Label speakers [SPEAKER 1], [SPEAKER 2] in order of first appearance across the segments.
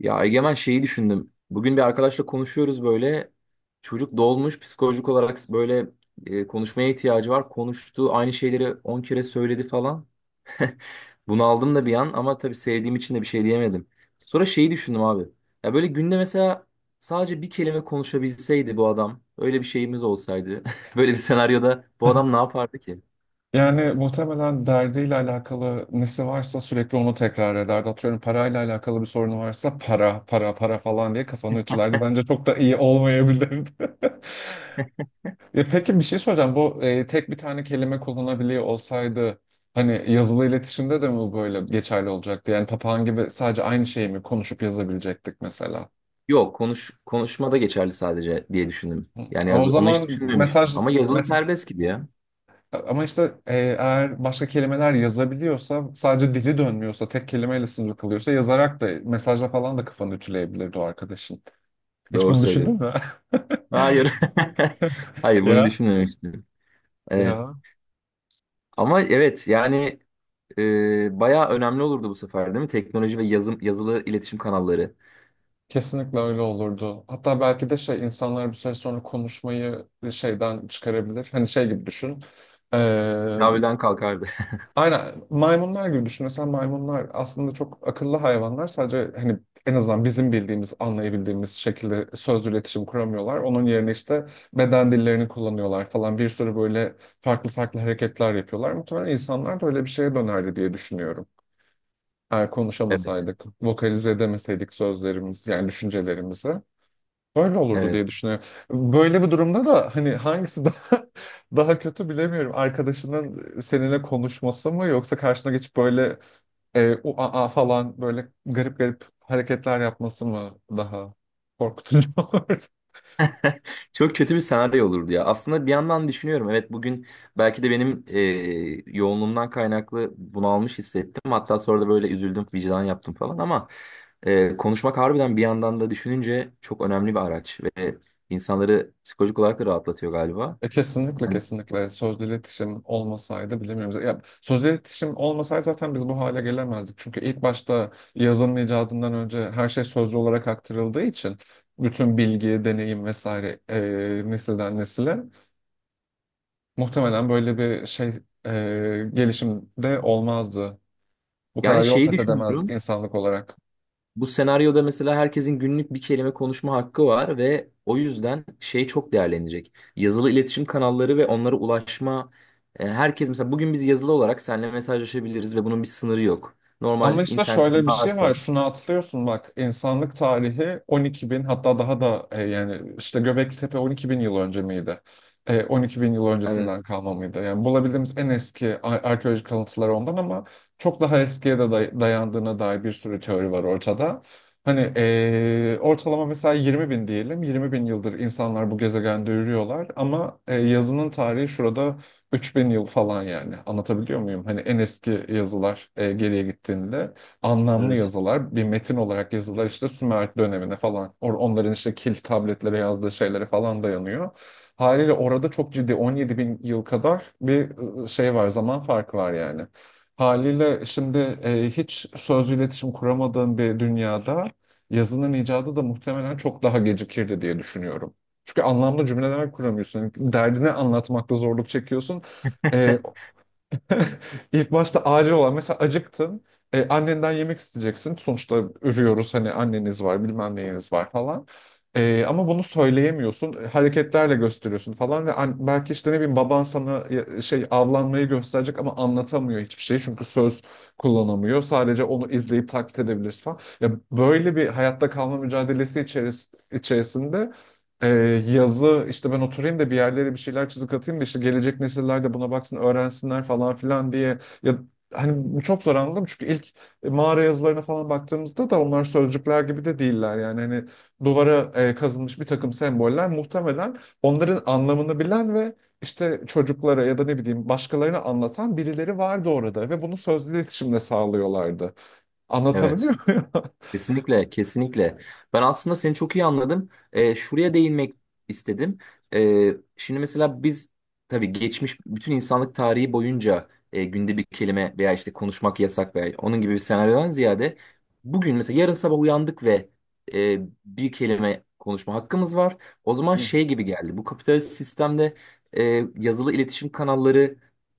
[SPEAKER 1] Ya Egemen şeyi düşündüm. Bugün bir arkadaşla konuşuyoruz böyle. Çocuk dolmuş psikolojik olarak böyle, konuşmaya ihtiyacı var. Konuştu aynı şeyleri 10 kere söyledi falan. Bunu aldım da bir an, ama tabii sevdiğim için de bir şey diyemedim. Sonra şeyi düşündüm abi. Ya böyle günde mesela sadece bir kelime konuşabilseydi bu adam. Öyle bir şeyimiz olsaydı. Böyle bir senaryoda bu adam ne yapardı ki?
[SPEAKER 2] Yani muhtemelen derdiyle alakalı nesi varsa sürekli onu tekrar ederdi. Atıyorum parayla alakalı bir sorunu varsa para, para, para falan diye kafanı ütülerdi. Bence çok da iyi olmayabilirdi. E peki bir şey soracağım. Bu tek bir tane kelime kullanabiliyor olsaydı hani yazılı iletişimde de mi böyle geçerli olacaktı? Yani papağan gibi sadece aynı şeyi mi konuşup yazabilecektik mesela?
[SPEAKER 1] Yok, konuşmada geçerli sadece diye düşündüm.
[SPEAKER 2] Hı.
[SPEAKER 1] Yani
[SPEAKER 2] E, o
[SPEAKER 1] yazı, onu hiç
[SPEAKER 2] zaman
[SPEAKER 1] düşünmemiştim.
[SPEAKER 2] mesaj
[SPEAKER 1] Ama yazılı
[SPEAKER 2] mes-
[SPEAKER 1] serbest gibi ya.
[SPEAKER 2] Ama işte eğer başka kelimeler yazabiliyorsa, sadece dili dönmüyorsa, tek kelimeyle sınırlı kalıyorsa yazarak da mesajla falan da kafanı ütüleyebilirdi o arkadaşın. Hiç
[SPEAKER 1] Doğru
[SPEAKER 2] bunu düşündün
[SPEAKER 1] söylüyorsun.
[SPEAKER 2] mü?
[SPEAKER 1] Hayır. Hayır, bunu
[SPEAKER 2] Ya,
[SPEAKER 1] düşünmemiştim. Evet.
[SPEAKER 2] ya
[SPEAKER 1] Ama evet, yani bayağı önemli olurdu bu sefer, değil mi? Teknoloji ve yazım, yazılı iletişim kanalları.
[SPEAKER 2] kesinlikle öyle olurdu. Hatta belki de şey insanlar bir süre sonra konuşmayı şeyden çıkarabilir. Hani şey gibi düşün. Ee,
[SPEAKER 1] Yavrudan kalkardı.
[SPEAKER 2] Aynen maymunlar gibi düşün. Mesela maymunlar aslında çok akıllı hayvanlar. Sadece hani en azından bizim bildiğimiz, anlayabildiğimiz şekilde sözlü iletişim kuramıyorlar. Onun yerine işte beden dillerini kullanıyorlar falan. Bir sürü böyle farklı farklı hareketler yapıyorlar. Muhtemelen insanlar da öyle bir şeye dönerdi diye düşünüyorum. Eğer
[SPEAKER 1] Evet.
[SPEAKER 2] konuşamasaydık, vokalize edemeseydik sözlerimiz, yani düşüncelerimizi. Öyle olurdu
[SPEAKER 1] Evet.
[SPEAKER 2] diye düşünüyorum. Böyle bir durumda da hani hangisi daha daha kötü bilemiyorum. Arkadaşının seninle konuşması mı yoksa karşına geçip böyle u a a falan böyle garip garip hareketler yapması mı daha korkutucu olur?
[SPEAKER 1] Çok kötü bir senaryo olurdu ya. Aslında bir yandan düşünüyorum. Evet, bugün belki de benim yoğunluğumdan kaynaklı bunalmış hissettim. Hatta sonra da böyle üzüldüm, vicdan yaptım falan, ama konuşmak harbiden, bir yandan da düşününce, çok önemli bir araç ve insanları psikolojik olarak da rahatlatıyor galiba.
[SPEAKER 2] E, kesinlikle kesinlikle sözlü iletişim olmasaydı bilemiyoruz. Ya, sözlü iletişim olmasaydı zaten biz bu hale gelemezdik. Çünkü ilk başta yazının icadından önce her şey sözlü olarak aktarıldığı için bütün bilgi, deneyim vesaire nesilden nesile muhtemelen böyle bir şey gelişimde olmazdı. Bu
[SPEAKER 1] Yani
[SPEAKER 2] kadar yol
[SPEAKER 1] şeyi
[SPEAKER 2] kat edemezdik
[SPEAKER 1] düşünüyorum.
[SPEAKER 2] insanlık olarak.
[SPEAKER 1] Bu senaryoda mesela herkesin günlük bir kelime konuşma hakkı var ve o yüzden şey çok değerlenecek. Yazılı iletişim kanalları ve onlara ulaşma. Yani herkes mesela bugün biz yazılı olarak seninle mesajlaşabiliriz ve bunun bir sınırı yok.
[SPEAKER 2] Ama
[SPEAKER 1] Normal
[SPEAKER 2] işte
[SPEAKER 1] internetin
[SPEAKER 2] şöyle bir şey
[SPEAKER 1] varsa.
[SPEAKER 2] var. Şunu atlıyorsun bak. İnsanlık tarihi 12 bin, hatta daha da yani işte Göbekli 12 bin yıl önce miydi? E, 12 bin yıl
[SPEAKER 1] Evet,
[SPEAKER 2] öncesinden kalma mıydı? Yani bulabildiğimiz en eski arkeolojik kalıntılar ondan, ama çok daha eskiye de dayandığına dair bir sürü teori var ortada. Hani ortalama mesela 20 bin diyelim. 20 bin yıldır insanlar bu gezegende yürüyorlar, ama yazının tarihi şurada 3 bin yıl falan, yani anlatabiliyor muyum? Hani en eski yazılar geriye gittiğinde anlamlı
[SPEAKER 1] evet,
[SPEAKER 2] yazılar, bir metin olarak yazılar işte Sümer dönemine falan, onların işte kil tabletlere yazdığı şeylere falan dayanıyor. Haliyle orada çok ciddi 17 bin yıl kadar bir şey var, zaman farkı var yani. Haliyle şimdi hiç sözlü iletişim kuramadığın bir dünyada yazının icadı da muhtemelen çok daha gecikirdi diye düşünüyorum. Çünkü anlamlı cümleler kuramıyorsun. Derdini anlatmakta zorluk çekiyorsun. E, ilk başta acil olan mesela acıktın. E, annenden yemek isteyeceksin. Sonuçta ürüyoruz hani, anneniz var bilmem neyiniz var falan. E, ama bunu söyleyemiyorsun. Hareketlerle gösteriyorsun falan ve belki işte ne bileyim, baban sana şey avlanmayı gösterecek, ama anlatamıyor hiçbir şey. Çünkü söz kullanamıyor. Sadece onu izleyip taklit edebiliriz falan. Ya böyle bir hayatta kalma mücadelesi içerisinde ee, yazı işte ben oturayım da bir yerlere bir şeyler çizik atayım da işte gelecek nesiller de buna baksın öğrensinler falan filan diye, ya hani bu çok zor anladım, çünkü ilk mağara yazılarına falan baktığımızda da onlar sözcükler gibi de değiller yani hani duvara kazınmış bir takım semboller, muhtemelen onların anlamını bilen ve işte çocuklara ya da ne bileyim başkalarına anlatan birileri vardı orada ve bunu sözlü iletişimle sağlıyorlardı.
[SPEAKER 1] evet.
[SPEAKER 2] Anlatabiliyor muyum?
[SPEAKER 1] Kesinlikle, kesinlikle. Ben aslında seni çok iyi anladım. Şuraya değinmek istedim. Şimdi mesela biz, tabii, geçmiş bütün insanlık tarihi boyunca günde bir kelime veya işte konuşmak yasak veya onun gibi bir senaryodan ziyade, bugün mesela yarın sabah uyandık ve e, bir kelime konuşma hakkımız var. O zaman
[SPEAKER 2] Hı.
[SPEAKER 1] şey gibi geldi. Bu kapitalist sistemde e, yazılı iletişim kanalları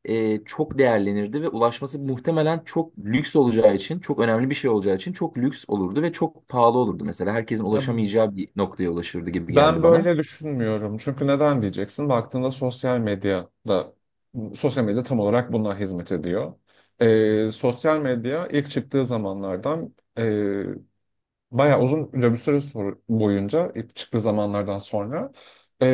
[SPEAKER 1] çok değerlenirdi ve ulaşması muhtemelen çok lüks olacağı için, çok önemli bir şey olacağı için, çok lüks olurdu ve çok pahalı olurdu mesela. Herkesin
[SPEAKER 2] Ya,
[SPEAKER 1] ulaşamayacağı bir noktaya ulaşırdı gibi geldi
[SPEAKER 2] ben
[SPEAKER 1] bana.
[SPEAKER 2] böyle düşünmüyorum. Çünkü neden diyeceksin? Baktığında sosyal medyada, sosyal medya tam olarak buna hizmet ediyor. Sosyal medya ilk çıktığı zamanlardan bayağı uzun bir süre boyunca, ilk çıktığı zamanlardan sonra e,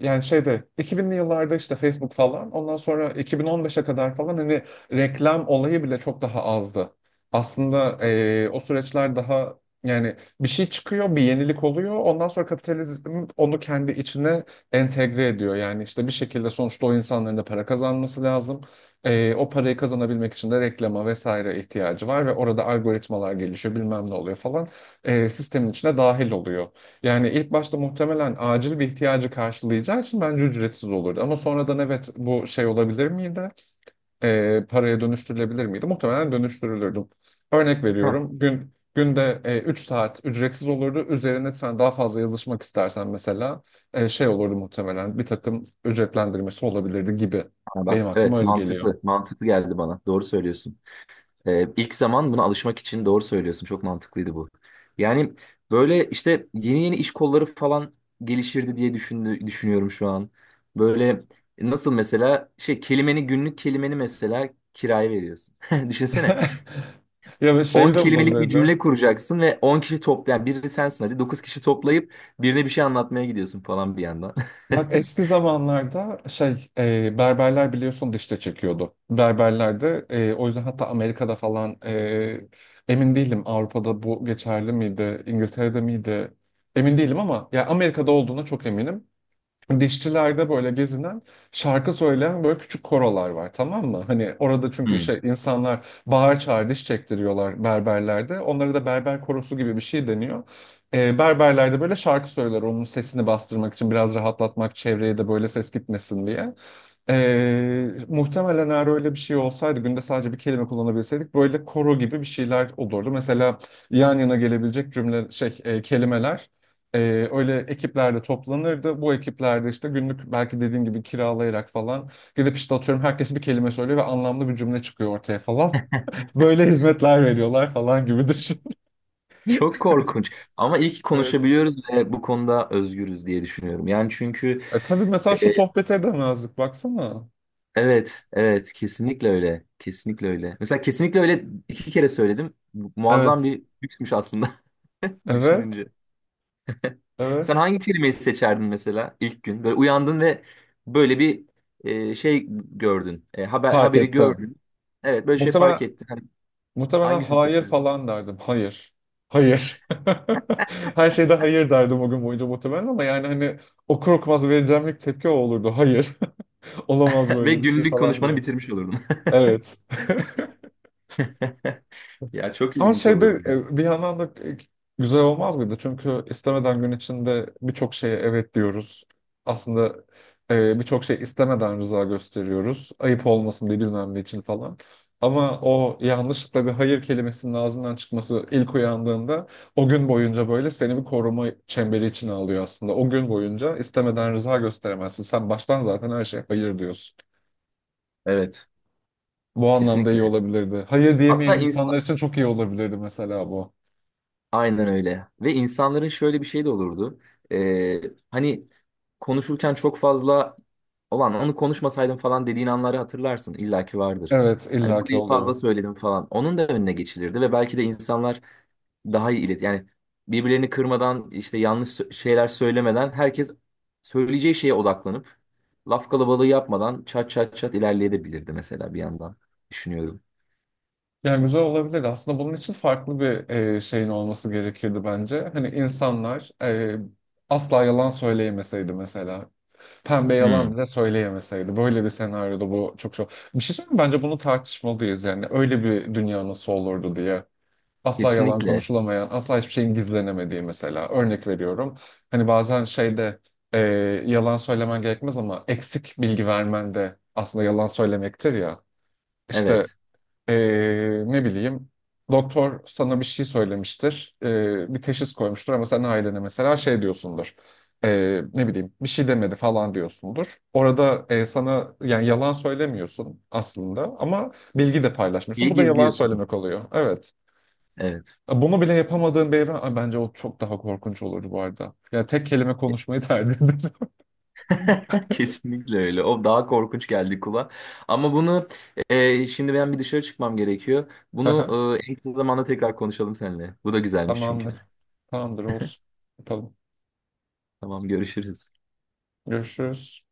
[SPEAKER 2] yani şeyde 2000'li yıllarda işte Facebook falan, ondan sonra 2015'e kadar falan hani reklam olayı bile çok daha azdı. Aslında o süreçler daha yani bir şey çıkıyor, bir yenilik oluyor. Ondan sonra kapitalizm onu kendi içine entegre ediyor. Yani işte bir şekilde sonuçta o insanların da para kazanması lazım. E, o parayı kazanabilmek için de reklama vesaire ihtiyacı var ve orada algoritmalar gelişiyor, bilmem ne oluyor falan, sistemin içine dahil oluyor. Yani ilk başta muhtemelen acil bir ihtiyacı karşılayacağı için bence ücretsiz olurdu. Ama sonradan, evet, bu şey olabilir miydi? E, paraya dönüştürülebilir miydi? Muhtemelen dönüştürülürdü. Örnek
[SPEAKER 1] Heh.
[SPEAKER 2] veriyorum. Günde 3 saat ücretsiz olurdu. Üzerine sen daha fazla yazışmak istersen mesela şey olurdu muhtemelen. Bir takım ücretlendirmesi olabilirdi gibi.
[SPEAKER 1] Ha bak,
[SPEAKER 2] Benim aklıma
[SPEAKER 1] evet,
[SPEAKER 2] öyle geliyor.
[SPEAKER 1] mantıklı, mantıklı geldi bana. Doğru söylüyorsun. İlk zaman buna alışmak için doğru söylüyorsun. Çok mantıklıydı bu. Yani böyle işte yeni yeni iş kolları falan gelişirdi diye düşünüyorum şu an. Böyle nasıl mesela şey, günlük kelimeni mesela kiraya veriyorsun. Düşünsene.
[SPEAKER 2] Ya bir
[SPEAKER 1] 10
[SPEAKER 2] şey de
[SPEAKER 1] kelimelik bir
[SPEAKER 2] olabilirdi.
[SPEAKER 1] cümle kuracaksın ve 10 kişi topla, yani biri sensin, hadi 9 kişi toplayıp birine bir şey anlatmaya gidiyorsun falan bir yandan.
[SPEAKER 2] Bak, eski zamanlarda şey berberler biliyorsun dişte çekiyordu. Berberlerde o yüzden, hatta Amerika'da falan emin değilim Avrupa'da bu geçerli miydi, İngiltere'de miydi emin değilim, ama ya Amerika'da olduğuna çok eminim, dişçilerde böyle gezinen, şarkı söyleyen böyle küçük korolar var, tamam mı? Hani orada çünkü
[SPEAKER 1] Hmm.
[SPEAKER 2] şey, insanlar bağır çağır diş çektiriyorlar berberlerde. Onlara da berber korosu gibi bir şey deniyor. Berberlerde böyle şarkı söyler onun sesini bastırmak için, biraz rahatlatmak, çevreye de böyle ses gitmesin diye. Muhtemelen eğer öyle bir şey olsaydı, günde sadece bir kelime kullanabilseydik böyle koro gibi bir şeyler olurdu. Mesela yan yana gelebilecek cümle şey kelimeler ee, öyle ekiplerle toplanırdı. Bu ekiplerde işte günlük belki dediğim gibi kiralayarak falan gidip işte, atıyorum, herkes bir kelime söylüyor ve anlamlı bir cümle çıkıyor ortaya falan. Böyle hizmetler veriyorlar falan gibi düşün.
[SPEAKER 1] Çok korkunç. Ama iyi ki
[SPEAKER 2] Evet.
[SPEAKER 1] konuşabiliyoruz ve bu konuda özgürüz diye düşünüyorum. Yani çünkü
[SPEAKER 2] E tabii mesela
[SPEAKER 1] e,
[SPEAKER 2] şu sohbeti edemezdik baksana.
[SPEAKER 1] evet, evet, kesinlikle öyle. Kesinlikle öyle. Mesela kesinlikle öyle 2 kere söyledim. Muazzam
[SPEAKER 2] Evet.
[SPEAKER 1] bir lüksmüş aslında,
[SPEAKER 2] Evet,
[SPEAKER 1] düşününce. Sen
[SPEAKER 2] evet.
[SPEAKER 1] hangi kelimeyi seçerdin mesela ilk gün? Böyle uyandın ve böyle bir şey gördün. E, haber,
[SPEAKER 2] Fark
[SPEAKER 1] haberi
[SPEAKER 2] ettim.
[SPEAKER 1] gördün. Evet, böyle şey
[SPEAKER 2] Muhtemelen,
[SPEAKER 1] fark ettin. Hani
[SPEAKER 2] muhtemelen
[SPEAKER 1] hangisini
[SPEAKER 2] hayır
[SPEAKER 1] seçerdin?
[SPEAKER 2] falan derdim. Hayır. Hayır. Her şeyde hayır derdim o gün boyunca muhtemelen, ama yani hani okur okumaz vereceğim ilk tepki o olurdu. Hayır. Olamaz
[SPEAKER 1] Ve
[SPEAKER 2] böyle bir şey
[SPEAKER 1] günlük
[SPEAKER 2] falan
[SPEAKER 1] konuşmanı
[SPEAKER 2] diye.
[SPEAKER 1] bitirmiş olurdun.
[SPEAKER 2] Evet.
[SPEAKER 1] Ya çok
[SPEAKER 2] Ama
[SPEAKER 1] ilginç olurdu
[SPEAKER 2] şeyde
[SPEAKER 1] ya.
[SPEAKER 2] bir yandan da e, güzel olmaz mıydı? Çünkü istemeden gün içinde birçok şeye evet diyoruz. Aslında birçok şey istemeden rıza gösteriyoruz. Ayıp olmasın diye, bilmem ne için falan. Ama o yanlışlıkla bir hayır kelimesinin ağzından çıkması ilk uyandığında, o gün boyunca böyle seni bir koruma çemberi içine alıyor aslında. O gün boyunca istemeden rıza gösteremezsin. Sen baştan zaten her şeye hayır diyorsun.
[SPEAKER 1] Evet.
[SPEAKER 2] Bu anlamda iyi
[SPEAKER 1] Kesinlikle.
[SPEAKER 2] olabilirdi. Hayır diyemeyen
[SPEAKER 1] Hatta ins-
[SPEAKER 2] insanlar için çok iyi olabilirdi mesela bu.
[SPEAKER 1] Aynen öyle. Ve insanların şöyle bir şey de olurdu. Ee, Hani konuşurken çok fazla olan, onu konuşmasaydım falan dediğin anları hatırlarsın. İlla ki vardır.
[SPEAKER 2] Evet,
[SPEAKER 1] Hani
[SPEAKER 2] illaki
[SPEAKER 1] burayı
[SPEAKER 2] oluyor.
[SPEAKER 1] fazla söyledim falan. Onun da önüne geçilirdi ve belki de insanlar daha iyi. Yani birbirlerini kırmadan, işte yanlış şeyler söylemeden, herkes söyleyeceği şeye odaklanıp laf kalabalığı yapmadan çat çat çat ilerleyebilirdi mesela, bir yandan düşünüyorum.
[SPEAKER 2] Yani güzel olabilir. Aslında bunun için farklı bir şeyin olması gerekirdi bence. Hani insanlar asla yalan söyleyemeseydi mesela. Pembe yalan
[SPEAKER 1] Hmm,
[SPEAKER 2] bile söyleyemeseydi. Böyle bir senaryoda bu çok çok. Bir şey söyleyeyim mi? Bence bunu tartışmalıyız yani. Öyle bir dünya nasıl olurdu diye. Asla yalan
[SPEAKER 1] Kesinlikle.
[SPEAKER 2] konuşulamayan, asla hiçbir şeyin gizlenemediği mesela. Örnek veriyorum. Hani bazen şeyde e, yalan söylemen gerekmez, ama eksik bilgi vermen de aslında yalan söylemektir ya. İşte
[SPEAKER 1] Evet.
[SPEAKER 2] e, ne bileyim, doktor sana bir şey söylemiştir. Bir teşhis koymuştur, ama sen ailene mesela şey diyorsundur. E, ne bileyim, bir şey demedi falan diyorsundur. Orada sana yani yalan söylemiyorsun aslında, ama bilgi de paylaşmıyorsun.
[SPEAKER 1] İyi
[SPEAKER 2] Bu da yalan
[SPEAKER 1] gizliyorsun.
[SPEAKER 2] söylemek oluyor. Evet.
[SPEAKER 1] Evet.
[SPEAKER 2] Bunu bile yapamadığın bir evren, ay, bence o çok daha korkunç olurdu bu arada. Ya, tek kelime konuşmayı tercih ederim.
[SPEAKER 1] Kesinlikle öyle. O daha korkunç geldi kulağa. Ama bunu, şimdi ben bir dışarı çıkmam gerekiyor. Bunu en kısa zamanda tekrar konuşalım seninle. Bu da güzelmiş çünkü.
[SPEAKER 2] Tamamdır. Tamamdır olsun. Yapalım.
[SPEAKER 1] Tamam, görüşürüz.
[SPEAKER 2] Görüşürüz.